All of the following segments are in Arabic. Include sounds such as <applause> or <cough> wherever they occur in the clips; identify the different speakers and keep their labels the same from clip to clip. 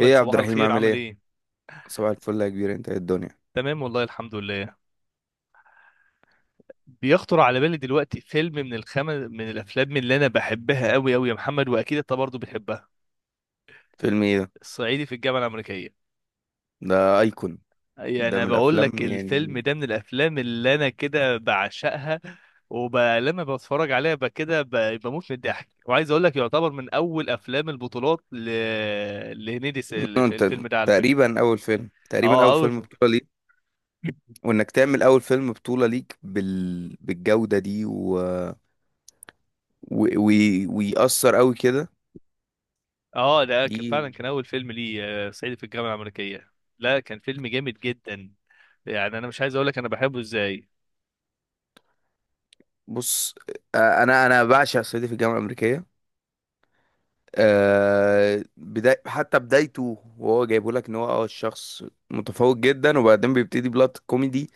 Speaker 1: ايه يا عبد
Speaker 2: صباح
Speaker 1: الرحيم
Speaker 2: الخير،
Speaker 1: عامل
Speaker 2: عامل
Speaker 1: ايه.
Speaker 2: ايه؟
Speaker 1: صباح الفل يا كبير، انت ايه الدنيا؟
Speaker 2: تمام والله الحمد لله. بيخطر على بالي دلوقتي فيلم من الافلام اللي انا بحبها قوي قوي يا محمد، واكيد انت برضه بتحبها.
Speaker 1: فيلم ايه ده؟
Speaker 2: الصعيدي في الجامعه الامريكيه.
Speaker 1: ده ايكون.
Speaker 2: يعني
Speaker 1: ده
Speaker 2: انا
Speaker 1: من
Speaker 2: بقول لك
Speaker 1: الافلام
Speaker 2: الفيلم
Speaker 1: يعني.
Speaker 2: ده من الافلام اللي انا كده بعشقها. ولما بتفرج عليها كده بموت من الضحك، وعايز اقول لك يعتبر من اول افلام البطولات لهنيدي
Speaker 1: <clears throat> <laughs>
Speaker 2: في
Speaker 1: انت
Speaker 2: الفيلم ده على فكره.
Speaker 1: تقريبا اول فيلم تقريبا
Speaker 2: اه،
Speaker 1: اول
Speaker 2: اول.
Speaker 1: فيلم بطولة ليك. وانك تعمل اول فيلم بطولة ليك بالجودة دي و... و... ويأثر قوي كده
Speaker 2: اه ده
Speaker 1: دي.
Speaker 2: كان فعلا كان اول فيلم لي، صعيدي في الجامعه الامريكيه. لا كان فيلم جامد جدا، يعني انا مش عايز اقول لك انا بحبه ازاي.
Speaker 1: بص، انا بعشق صعيدي في الجامعة الأمريكية. حتى بدايته، وهو جايبه لك ان هو الشخص متفوق جدا، وبعدين بيبتدي بلوت كوميدي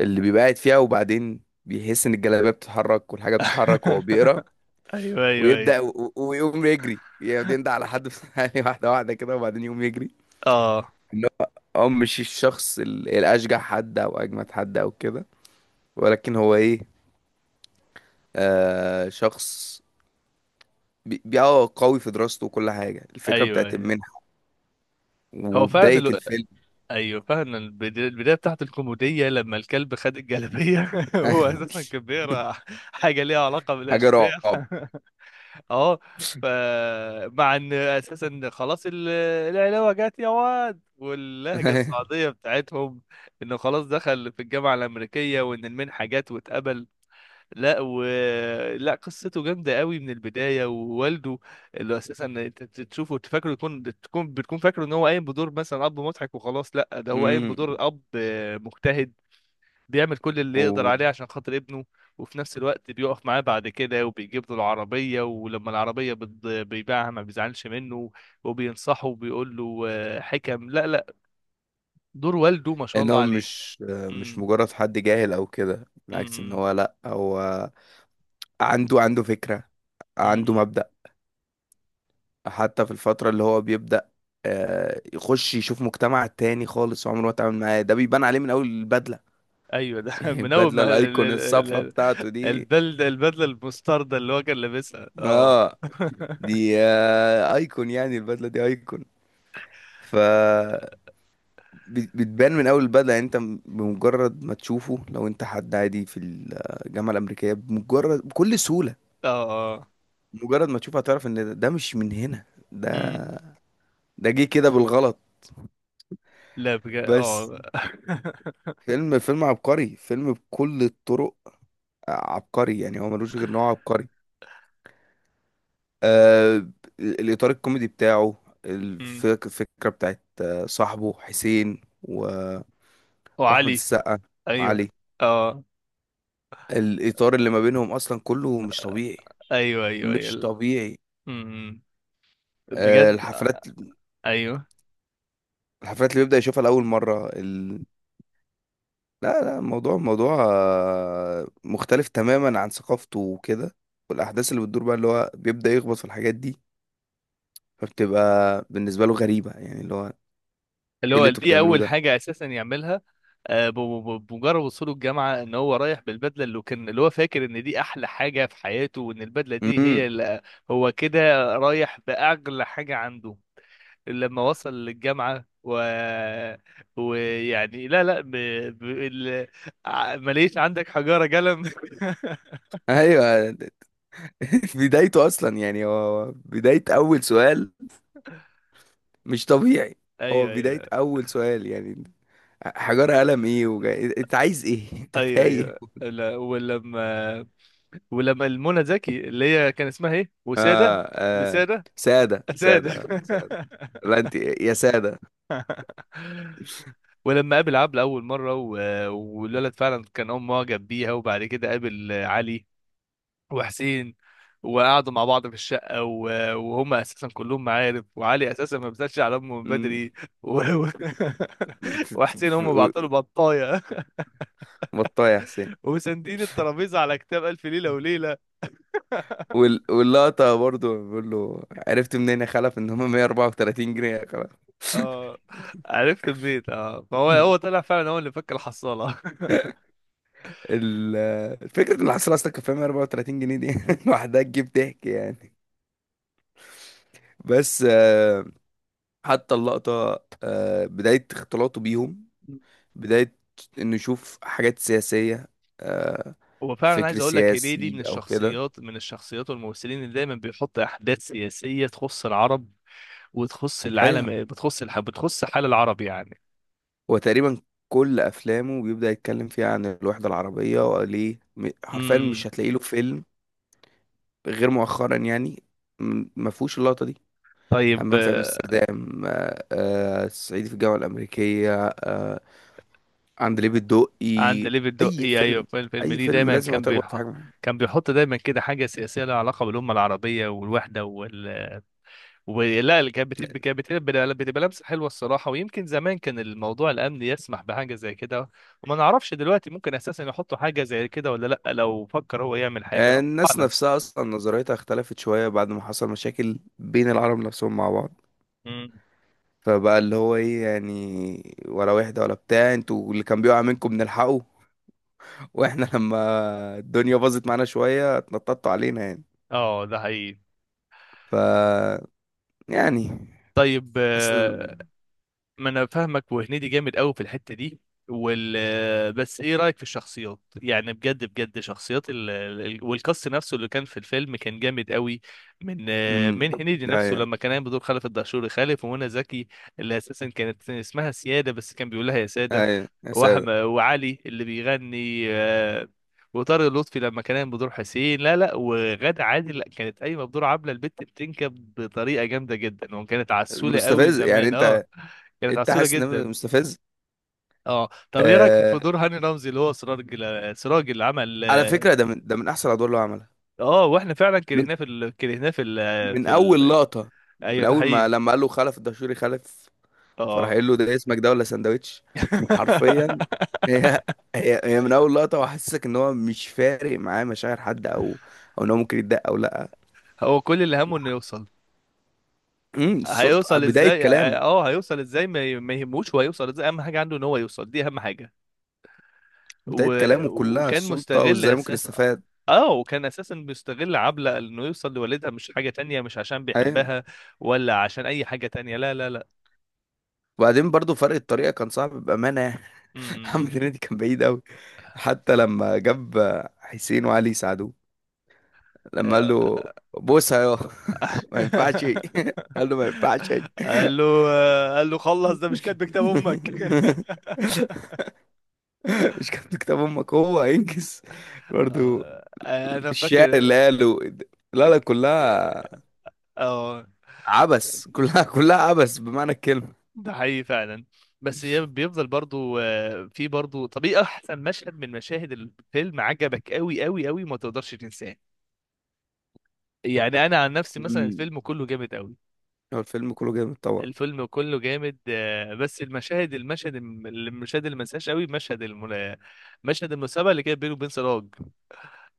Speaker 1: اللي بيبقى قاعد فيها، وبعدين بيحس ان الجلابيه بتتحرك والحاجه بتتحرك وهو بيقرا.
Speaker 2: <laughs> ايوه، ايوه، ايوه.
Speaker 1: ويبدا ويقوم يجري، يعني يندع على حد في <laughs> يعني واحده واحده كده وبعدين يقوم يجري.
Speaker 2: اه،
Speaker 1: ان هو مش الشخص الاشجع حد او اجمد حد او كده، ولكن هو ايه؟ آه شخص قوي في دراسته وكل حاجه، الفكره
Speaker 2: ايوه
Speaker 1: بتاعت
Speaker 2: ايوه.
Speaker 1: المنحه
Speaker 2: هو فعلا
Speaker 1: وبدايه الفيلم.
Speaker 2: ايوه فعلا البدايه بتاعت الكوميديه لما الكلب خد الجلابيه <laughs> هو
Speaker 1: <laughs>
Speaker 2: اساسا كان بيقرا حاجه ليها علاقه
Speaker 1: حاجه
Speaker 2: بالاشباح
Speaker 1: رعب.
Speaker 2: <laughs> اه. فمع ان اساسا خلاص العلاوه جت يا واد، واللهجه
Speaker 1: <laughs>
Speaker 2: الصعيديه بتاعتهم، انه خلاص دخل في الجامعه الامريكيه وان المنحه جت واتقبل. لا، و لا قصته جامده قوي من البدايه، ووالده اللي اساسا انت تشوفه تفكره تكون بتكون فاكره ان هو قايم بدور مثلا اب مضحك وخلاص، لا ده هو قايم
Speaker 1: امم.
Speaker 2: بدور اب مجتهد، بيعمل كل اللي يقدر عليه عشان خاطر ابنه. وفي نفس الوقت بيقف معاه بعد كده، وبيجيب له العربية، ولما العربية بيبيعها ما بيزعلش منه، وبينصحه وبيقول له حكم. لا، لا. دور والده ما شاء
Speaker 1: ان
Speaker 2: الله
Speaker 1: هو
Speaker 2: عليه.
Speaker 1: مش
Speaker 2: امم.
Speaker 1: مجرد حد جاهل او كده، بالعكس ان
Speaker 2: امم.
Speaker 1: هو لا، هو عنده فكرة، عنده
Speaker 2: امم.
Speaker 1: مبدأ. حتى في الفترة اللي هو بيبدأ يخش يشوف مجتمع تاني خالص وعمره ما اتعامل معاه، ده بيبان عليه من اول البدلة.
Speaker 2: ايوه. ده
Speaker 1: <laughs>
Speaker 2: <laughs> من اول
Speaker 1: البدلة
Speaker 2: ما
Speaker 1: الايكون، الصفرة بتاعته دي.
Speaker 2: البدله المستردة اللي هو كان لابسها، اه
Speaker 1: اه
Speaker 2: <laughs>
Speaker 1: دي ايكون، يعني البدلة دي ايكون. ف بتبان من اول البدله، يعني انت بمجرد ما تشوفه، لو انت حد عادي في الجامعه الامريكيه بمجرد، بكل سهوله
Speaker 2: اه. اه.
Speaker 1: مجرد ما تشوفه هتعرف ان ده مش من هنا. ده
Speaker 2: امم.
Speaker 1: ده جه كده بالغلط.
Speaker 2: لا بجد،
Speaker 1: بس
Speaker 2: اه <laughs>
Speaker 1: فيلم عبقري، فيلم بكل الطرق عبقري، يعني هو ملوش غير نوع عبقري. آه الاطار الكوميدي بتاعه،
Speaker 2: امم.
Speaker 1: الفكره بتاعت صاحبه حسين واحمد
Speaker 2: وعلي.
Speaker 1: السقا
Speaker 2: ايوه.
Speaker 1: وعلي.
Speaker 2: اه،
Speaker 1: الاطار اللي ما بينهم اصلا كله مش طبيعي،
Speaker 2: ايوه، ايوه،
Speaker 1: مش
Speaker 2: ايوه.
Speaker 1: طبيعي.
Speaker 2: امم. بجد.
Speaker 1: الحفلات،
Speaker 2: ايوه.
Speaker 1: الحفلات اللي بيبدأ يشوفها لأول مرة. لا لا، الموضوع موضوع مختلف تماما عن ثقافته وكده. والاحداث اللي بتدور بقى، اللي هو بيبدا يخبط في الحاجات دي، فبتبقى بالنسبه له غريبه، يعني اللي هو ايه؟
Speaker 2: اللي هو
Speaker 1: اللي انتوا
Speaker 2: دي
Speaker 1: بتعملوه
Speaker 2: اول
Speaker 1: ده.
Speaker 2: حاجه اساسا يعملها، بمجرد وصوله الجامعه، ان هو رايح بالبدله اللي كان اللي هو فاكر ان دي احلى حاجه في حياته، وان البدله دي
Speaker 1: امم.
Speaker 2: هي اللي هو كده رايح باغلى حاجه عنده لما وصل للجامعه و ويعني لا، لا ب... ال... ماليش عندك حجاره قلم <laughs>
Speaker 1: ايوه. <laughs> بدايته اصلا يعني، هو بدايه اول سؤال مش طبيعي. هو
Speaker 2: ايوه،
Speaker 1: بدايه
Speaker 2: ايوه،
Speaker 1: اول سؤال يعني، حجار قلم ايه؟ انت عايز ايه؟ <laughs> انت
Speaker 2: ايوه،
Speaker 1: تايه.
Speaker 2: ايوه. لا، ولما ولما المنى زكي اللي هي كان اسمها ايه، وسادة.
Speaker 1: اه. اه.
Speaker 2: بسادة.
Speaker 1: ساده
Speaker 2: سادة
Speaker 1: ساده ساده.
Speaker 2: <laughs>
Speaker 1: لا انت يا ساده.
Speaker 2: ولما قابل عبلة أول مرة، و... والولد فعلا كان معجب بيها، وبعد كده قابل علي وحسين، وقعدوا مع بعض في الشقة، و... وهم أساسا كلهم معارف، وعلي أساسا ما بيسألش على أمه من
Speaker 1: مم.
Speaker 2: بدري. و... و... <laughs> وحسين هم بعطوا بطاية
Speaker 1: بطاية يا حسين.
Speaker 2: <laughs> وساندين الترابيزة على كتاب ألف ليلة وليلة.
Speaker 1: واللقطة برضو بيقول له، عرفت منين يا خلف ان هم 134 جنيه يا خلف؟ <laughs>
Speaker 2: اه، عرفت منين، اه فهو طلع فعلا هو اللي فك الحصالة.
Speaker 1: ال... الفكرة ان الحصيلة اصلا كان فيها 134 جنيه دي <laughs> لوحدها تجيب ضحك يعني. بس حتى اللقطة بداية اختلاطه بيهم،
Speaker 2: <laughs>
Speaker 1: بداية انه يشوف حاجات سياسية. آه،
Speaker 2: هو فعلا
Speaker 1: الفكر
Speaker 2: عايز اقول لك هنيدي
Speaker 1: السياسي
Speaker 2: من
Speaker 1: او كده.
Speaker 2: الشخصيات، والممثلين اللي دايما بيحط احداث سياسيه تخص العرب وتخص
Speaker 1: ايوه.
Speaker 2: العالم، بتخص حال العرب يعني.
Speaker 1: هو تقريبا كل افلامه بيبدأ يتكلم فيها عن الوحدة العربية وليه، حرفيا
Speaker 2: امم.
Speaker 1: مش هتلاقي له فيلم غير مؤخرا يعني ما فيهوش اللقطة دي.
Speaker 2: طيب،
Speaker 1: همام في امستردام، صعيدي في الجامعة الأمريكية، عندليب الدقي.
Speaker 2: عند ليفي
Speaker 1: أي
Speaker 2: الدقي، ايوه،
Speaker 1: فيلم،
Speaker 2: في الفيلم
Speaker 1: أي
Speaker 2: ليه
Speaker 1: فيلم
Speaker 2: دايما
Speaker 1: لازم هتخبط في حاجة معينة.
Speaker 2: كان بيحط دايما كده حاجه سياسيه لها علاقه بالامه العربيه والوحده. ولا اللي كانت بتبقى، بتبقى لمسه حلوه الصراحه. ويمكن زمان كان الموضوع الامني يسمح بحاجه زي كده، وما نعرفش دلوقتي ممكن اساسا يحطوا حاجه زي كده ولا لا. لو فكر هو يعمل حاجه الله
Speaker 1: الناس
Speaker 2: اعلم.
Speaker 1: نفسها أصلا نظريتها اختلفت شوية بعد ما حصل مشاكل بين العرب نفسهم مع بعض.
Speaker 2: مم.
Speaker 1: فبقى اللي هو ايه يعني؟ ولا واحدة ولا بتاع، انتوا اللي كان بيقع منكم بنلحقه. <laughs> واحنا لما الدنيا باظت معانا شوية اتنططوا علينا يعني.
Speaker 2: اه ده حقيقي.
Speaker 1: ف يعني
Speaker 2: طيب،
Speaker 1: حاسس إن-.
Speaker 2: ما انا فاهمك، وهنيدي جامد قوي في الحته دي <laughs> بس ايه رايك في الشخصيات؟ يعني بجد بجد شخصيات والكاست نفسه اللي كان في الفيلم كان جامد قوي، من
Speaker 1: مم.
Speaker 2: من هنيدي نفسه
Speaker 1: أيوة.
Speaker 2: لما كان قايم بدور خلف الدهشوري خالف، ومنى زكي اللي اساسا كانت اسمها سياده بس كان بيقول لها يا ساده،
Speaker 1: ايوه يا
Speaker 2: واحمد،
Speaker 1: ساتر.
Speaker 2: وعلي اللي بيغني، وطارق لطفي لما كان قايم بدور حسين. لا، لا، وغادة عادل لا كانت قايمه بدور عبله البت بتنكب بطريقه جامده جدا، وكانت عسوله قوي
Speaker 1: مستفز يعني
Speaker 2: زمان، اه.
Speaker 1: انت.
Speaker 2: كانت
Speaker 1: انت
Speaker 2: عسولة
Speaker 1: حاسس ان
Speaker 2: جدا.
Speaker 1: مستفز.
Speaker 2: اه طب ايه رايك في
Speaker 1: آه...
Speaker 2: دور هاني رمزي اللي هو سراج، سراج اللي عمل؟
Speaker 1: على فكره، ده من احسن الادوار اللي هو عملها.
Speaker 2: اه، واحنا فعلا
Speaker 1: من
Speaker 2: كرهناه
Speaker 1: من اول لقطه، من
Speaker 2: ايوه، ده
Speaker 1: اول ما
Speaker 2: حقيقي.
Speaker 1: لما قال له خلف الدشوري خلف، فراح
Speaker 2: اه
Speaker 1: قايل له ده اسمك ده ولا سندوتش؟ حرفيا. هي
Speaker 2: <laughs>
Speaker 1: هي من اول لقطه وحسسك ان هو مش فارق معاه مشاعر حد او ان هو ممكن يتضايق او لا.
Speaker 2: هو كل اللي همه انه يوصل.
Speaker 1: امم. السلطه،
Speaker 2: هيوصل
Speaker 1: بدايه
Speaker 2: ازاي؟
Speaker 1: كلامه.
Speaker 2: اه هيوصل ازاي ما يهموش هو هيوصل ازاي، اهم حاجه عنده ان هو يوصل، دي اهم حاجه. و...
Speaker 1: بدايه كلامه كلها
Speaker 2: وكان
Speaker 1: السلطه
Speaker 2: مستغل
Speaker 1: وازاي ممكن
Speaker 2: اساسا،
Speaker 1: يستفاد.
Speaker 2: اه وكان اساسا بيستغل عبلة انه يوصل لوالدها، مش حاجه تانية، مش عشان
Speaker 1: ايوه.
Speaker 2: بيحبها، ولا عشان اي حاجه تانية، لا، لا، لا.
Speaker 1: وبعدين برضو فرق الطريقة كان صعب بأمانة يعني.
Speaker 2: م-
Speaker 1: <laughs>
Speaker 2: م.
Speaker 1: محمد هنيدي كان بعيد أوي. حتى لما جاب حسين وعلي يساعدوه، لما قال
Speaker 2: <laughs>
Speaker 1: له بوسها يا <laughs> ما ينفعش <laughs> قال له ما ينفعش
Speaker 2: قال له
Speaker 1: <laughs>
Speaker 2: قال له خلص ده مش كاتب كتاب امك <laughs>
Speaker 1: مش كاتب كتاب امك، هو هينجز برضو.
Speaker 2: انا
Speaker 1: الشعر
Speaker 2: فاكر.
Speaker 1: اللي قاله، لا لا كلها
Speaker 2: اه
Speaker 1: عبس، كلها عبس بمعنى الكلمة.
Speaker 2: ده حقيقي فعلا. بس هي بيفضل برضو، في برضو. طب ايه احسن مشهد من مشاهد الفيلم عجبك قوي قوي قوي ما تقدرش تنساه؟ يعني انا عن نفسي مثلا
Speaker 1: مم.
Speaker 2: الفيلم كله جامد قوي.
Speaker 1: هو الفيلم كله جامد طبعا.
Speaker 2: الفيلم كله جامد، بس المشاهد المشاهد اللي ما انساهاش قوي، مشهد المسابقه اللي كانت بينه وبين سراج،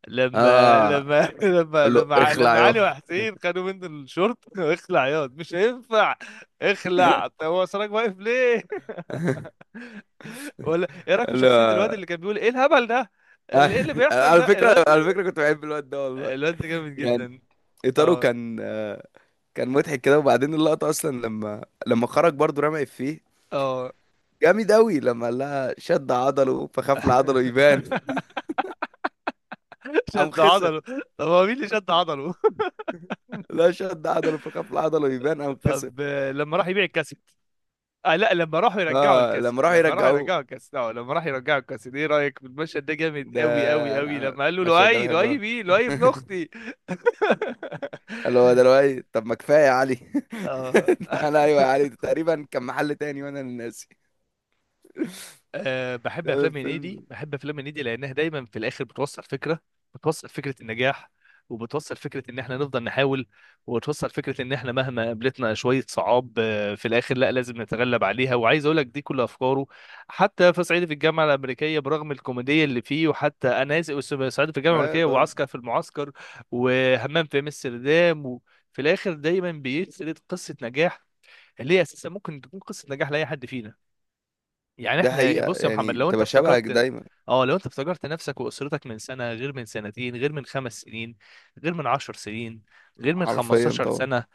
Speaker 2: لما
Speaker 1: اه،
Speaker 2: لما <laughs>
Speaker 1: قال له اخلع
Speaker 2: لما
Speaker 1: يا
Speaker 2: علي وحسين خدوا منه الشورت <laughs> اخلع ياض مش هينفع. اخلع. طب هو سراج واقف ليه؟ <laughs>
Speaker 1: <laughs>
Speaker 2: ولا ايه رايك في شخصية
Speaker 1: لا.
Speaker 2: الواد اللي كان بيقول ايه الهبل ده، ايه اللي
Speaker 1: <laughs>
Speaker 2: بيحصل
Speaker 1: على
Speaker 2: ده
Speaker 1: فكرة،
Speaker 2: الواد؟
Speaker 1: على فكرة كنت بحب الواد ده والله،
Speaker 2: الواد ده جامد
Speaker 1: يعني
Speaker 2: جدا.
Speaker 1: إطاره
Speaker 2: اه.
Speaker 1: كان كان مضحك كده، وبعدين اللقطة أصلا لما خرج برضه رمى إفيه،
Speaker 2: اه
Speaker 1: جامد أوي لما قال لها شد عضله فخاف لعضله يبان
Speaker 2: <laughs>
Speaker 1: <laughs> قام
Speaker 2: شد
Speaker 1: خسر.
Speaker 2: عضله. طب هو مين اللي شد عضله؟
Speaker 1: لا، شد عضله فخاف لعضله
Speaker 2: <laughs>
Speaker 1: يبان قام خسر.
Speaker 2: طب، لما راح يبيع الكاسيت. آه لا، لما راحوا يرجعوا
Speaker 1: اه،
Speaker 2: الكاسيت،
Speaker 1: لما راحوا
Speaker 2: لما راحوا
Speaker 1: يرجعوه
Speaker 2: يرجعوا الكاسيت اه لما راحوا يرجعوا الكاسيت ايه رايك في المشهد ده؟ جامد
Speaker 1: ده.
Speaker 2: قوي قوي
Speaker 1: أنا
Speaker 2: قوي.
Speaker 1: أنا
Speaker 2: لما قال له
Speaker 1: المشهد ده
Speaker 2: لؤي،
Speaker 1: بحبه
Speaker 2: لؤي
Speaker 1: أوي.
Speaker 2: مين؟ لؤي ابن
Speaker 1: <laughs>
Speaker 2: اختي <laughs>
Speaker 1: اللي هو دلوقتي، طب ما كفاية يا علي <laughs>
Speaker 2: اه
Speaker 1: أنا أيوه يا
Speaker 2: <laughs>
Speaker 1: علي، ده تقريبا كان محل تاني وأنا اللي ناسي <laughs>
Speaker 2: أه، بحب
Speaker 1: ده
Speaker 2: افلام هنيدي،
Speaker 1: الفيلم.
Speaker 2: بحب افلام هنيدي لانها دايما في الاخر بتوصل فكره، بتوصل فكره النجاح، وبتوصل فكره ان احنا نفضل نحاول، وبتوصل فكره ان احنا مهما قابلتنا شويه صعاب، في الاخر لا لازم نتغلب عليها. وعايز اقول لك دي كل افكاره، حتى في صعيدي في الجامعه الامريكيه برغم الكوميديه اللي فيه. وحتى انا اسف، صعيدي في الجامعه
Speaker 1: أيوة
Speaker 2: الامريكيه،
Speaker 1: طبعا.
Speaker 2: وعسكر في المعسكر، وهمام في امستردام، وفي الاخر دايما بيسرد قصه نجاح اللي هي اساسا ممكن تكون قصه نجاح لاي حد فينا. يعني
Speaker 1: ده
Speaker 2: احنا
Speaker 1: حقيقة
Speaker 2: بص يا محمد
Speaker 1: يعني،
Speaker 2: لو انت
Speaker 1: بتبقى شبهك
Speaker 2: افتكرت،
Speaker 1: دايما.
Speaker 2: اه لو انت افتكرت نفسك واسرتك من سنه، غير من 2 سنين، غير من 5 سنين، غير من 10 سنين، غير من
Speaker 1: حرفيا
Speaker 2: خمستاشر
Speaker 1: طبعا.
Speaker 2: سنه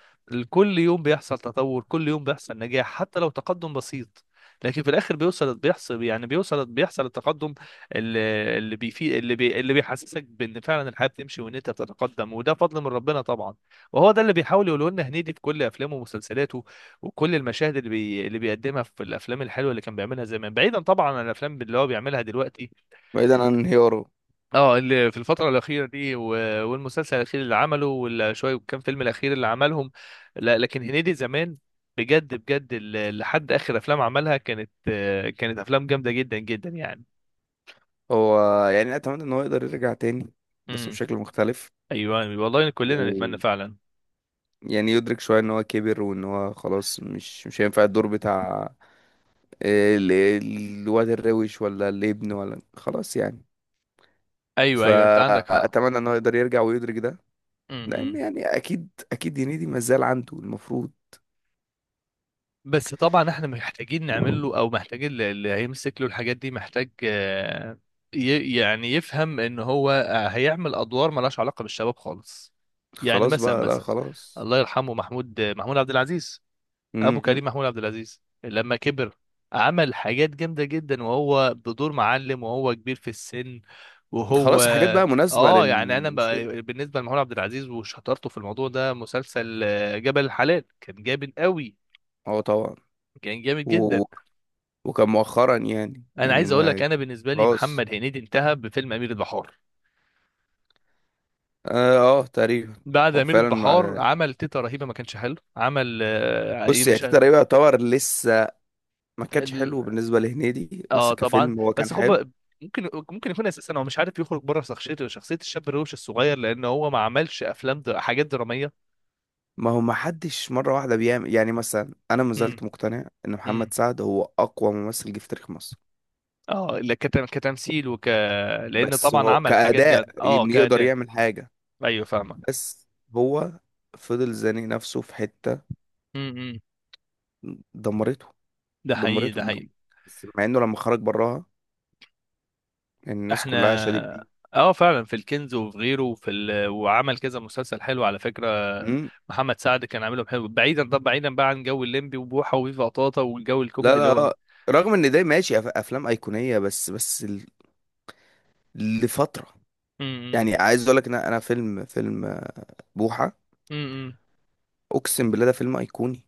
Speaker 2: كل يوم بيحصل تطور، كل يوم بيحصل نجاح حتى لو تقدم بسيط. لكن في الاخر بيوصل بيحصل يعني بيوصل بيحصل التقدم اللي اللي بيفي اللي بي اللي بيحسسك بان فعلا الحياه بتمشي وان انت بتتقدم، وده فضل من ربنا طبعا. وهو ده اللي بيحاول يقوله لنا هنيدي في كل افلامه ومسلسلاته، وكل المشاهد اللي بيقدمها في الافلام الحلوه اللي كان بيعملها زمان، بعيدا طبعا عن الافلام اللي هو بيعملها دلوقتي.
Speaker 1: بعيدا عن انهياره.
Speaker 2: اه اللي في الفتره الاخيره دي، و... والمسلسل الاخير اللي عمله، والشويه كام فيلم الاخير اللي عملهم. لا، لكن هنيدي زمان بجد بجد، لحد اخر افلام عملها كانت، كانت افلام جامده جدا جدا يعني.
Speaker 1: هو يعني أتمنى إن هو يقدر يرجع تاني، بس
Speaker 2: امم.
Speaker 1: بشكل مختلف،
Speaker 2: ايوه والله كلنا نتمنى
Speaker 1: ويعني
Speaker 2: فعلا.
Speaker 1: يدرك شوية إن هو كبر وإن هو خلاص مش هينفع الدور بتاع الواد الروش ولا الابن، ولا خلاص يعني.
Speaker 2: ايوه، ايوه انت عندك حق.
Speaker 1: فأتمنى إن هو يقدر يرجع ويدرك ده، لأن
Speaker 2: امم.
Speaker 1: يعني أكيد أكيد هنيدي ما زال عنده المفروض.
Speaker 2: بس طبعا احنا محتاجين نعمل له او محتاجين اللي هيمسك له الحاجات دي محتاج، يعني يفهم ان هو هيعمل ادوار ملهاش علاقه بالشباب خالص. يعني
Speaker 1: خلاص
Speaker 2: مثلا
Speaker 1: بقى، لا
Speaker 2: مثلا
Speaker 1: خلاص.
Speaker 2: الله يرحمه محمود عبد العزيز. ابو
Speaker 1: مم.
Speaker 2: كريم محمود عبد العزيز لما كبر عمل حاجات جامده جدا، وهو بدور معلم وهو كبير في السن. وهو
Speaker 1: خلاص حاجات بقى مناسبة
Speaker 2: اه يعني انا
Speaker 1: للوصول.
Speaker 2: بالنسبه لمحمود عبد العزيز وشطارته في الموضوع ده، مسلسل، جبل الحلال كان جامد قوي.
Speaker 1: اه طبعا.
Speaker 2: كان جامد
Speaker 1: و...
Speaker 2: جدا.
Speaker 1: و- وكان مؤخرا يعني
Speaker 2: انا عايز اقول لك
Speaker 1: ما
Speaker 2: انا بالنسبه لي
Speaker 1: خلاص.
Speaker 2: محمد هنيدي انتهى بفيلم امير البحار.
Speaker 1: تقريبا.
Speaker 2: بعد
Speaker 1: هو
Speaker 2: امير
Speaker 1: فعلا مع،
Speaker 2: البحار عمل تيتا رهيبه ما كانش حلو، عمل ايه
Speaker 1: بص يعني
Speaker 2: مش
Speaker 1: تيتا
Speaker 2: عارف-
Speaker 1: رهيبة يعتبر لسه ما كانش حلو
Speaker 2: ال-
Speaker 1: بالنسبة لهنيدي بس
Speaker 2: اه طبعا،
Speaker 1: كفيلم هو
Speaker 2: بس
Speaker 1: كان
Speaker 2: خد
Speaker 1: حلو.
Speaker 2: بالك، ممكن يكون اساسا هو مش عارف يخرج بره شخصيته، شخصيه الشاب الروش الصغير، لان هو ما عملش افلام حاجات دراميه.
Speaker 1: ما هو ما حدش مرة واحدة بيعمل، يعني مثلا أنا ما
Speaker 2: امم.
Speaker 1: زلت مقتنع إن محمد
Speaker 2: امم.
Speaker 1: سعد هو أقوى ممثل جه في تاريخ مصر.
Speaker 2: اه لا، كتمثيل لان
Speaker 1: بس
Speaker 2: طبعا
Speaker 1: هو
Speaker 2: عمل حاجات
Speaker 1: كأداء
Speaker 2: جد، اه
Speaker 1: إن يقدر
Speaker 2: كده.
Speaker 1: يعمل حاجة،
Speaker 2: ايوه فاهمه.
Speaker 1: بس هو فضل زانق نفسه في حتة،
Speaker 2: امم.
Speaker 1: دمرته،
Speaker 2: ده حقيقي،
Speaker 1: دمرته.
Speaker 2: ده حقيقي.
Speaker 1: بس مع إنه لما خرج براها يعني الناس
Speaker 2: احنا
Speaker 1: كلها شادت بيه.
Speaker 2: اه فعلا في الكنز وفي غيره وعمل كذا مسلسل حلو على فكره.
Speaker 1: مم.
Speaker 2: محمد سعد كان عاملهم حلو، بعيدا، طب بعيدا بقى عن جو الليمبي وبوحه وفيفا طاطا والجو
Speaker 1: لا
Speaker 2: الكوميدي اللي
Speaker 1: لا
Speaker 2: هو.
Speaker 1: رغم ان ده ماشي افلام ايقونيه، بس لفتره،
Speaker 2: امم.
Speaker 1: يعني عايز اقول لك ان انا فيلم بوحه،
Speaker 2: امم.
Speaker 1: اقسم بالله ده فيلم ايقوني.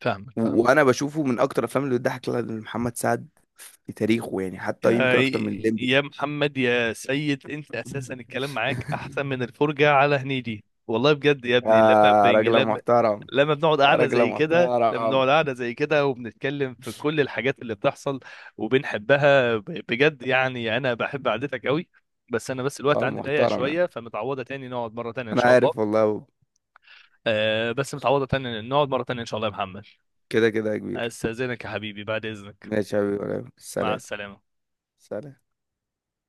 Speaker 2: فاهمك فاهمك.
Speaker 1: وانا بشوفه من اكتر الافلام اللي بتضحك لمحمد سعد في تاريخه، يعني حتى
Speaker 2: يا
Speaker 1: يمكن اكتر من الليمبي.
Speaker 2: يا محمد يا سيد، انت اساسا الكلام معاك احسن من
Speaker 1: <laughs>
Speaker 2: الفرجه على هنيدي والله بجد يا
Speaker 1: يا
Speaker 2: ابني، لما بنج
Speaker 1: راجل
Speaker 2: لما
Speaker 1: محترم.
Speaker 2: لما بنقعد
Speaker 1: يا
Speaker 2: قاعده
Speaker 1: راجل
Speaker 2: زي كده،
Speaker 1: محترم.
Speaker 2: وبنتكلم في كل الحاجات اللي بتحصل وبنحبها، بجد يعني انا بحب قعدتك قوي. بس الوقت عندي ضيق
Speaker 1: محترم
Speaker 2: شويه،
Speaker 1: يعني،
Speaker 2: فمتعوضه تاني نقعد مره تانية ان
Speaker 1: انا
Speaker 2: شاء الله.
Speaker 1: عارف والله.
Speaker 2: آه بس متعوضه تاني نقعد مره تانية ان شاء الله يا محمد.
Speaker 1: كده كده يا كبير.
Speaker 2: استاذنك يا حبيبي، بعد اذنك.
Speaker 1: ماشي يا حبيبي،
Speaker 2: مع
Speaker 1: سلام.
Speaker 2: السلامه.
Speaker 1: سلام.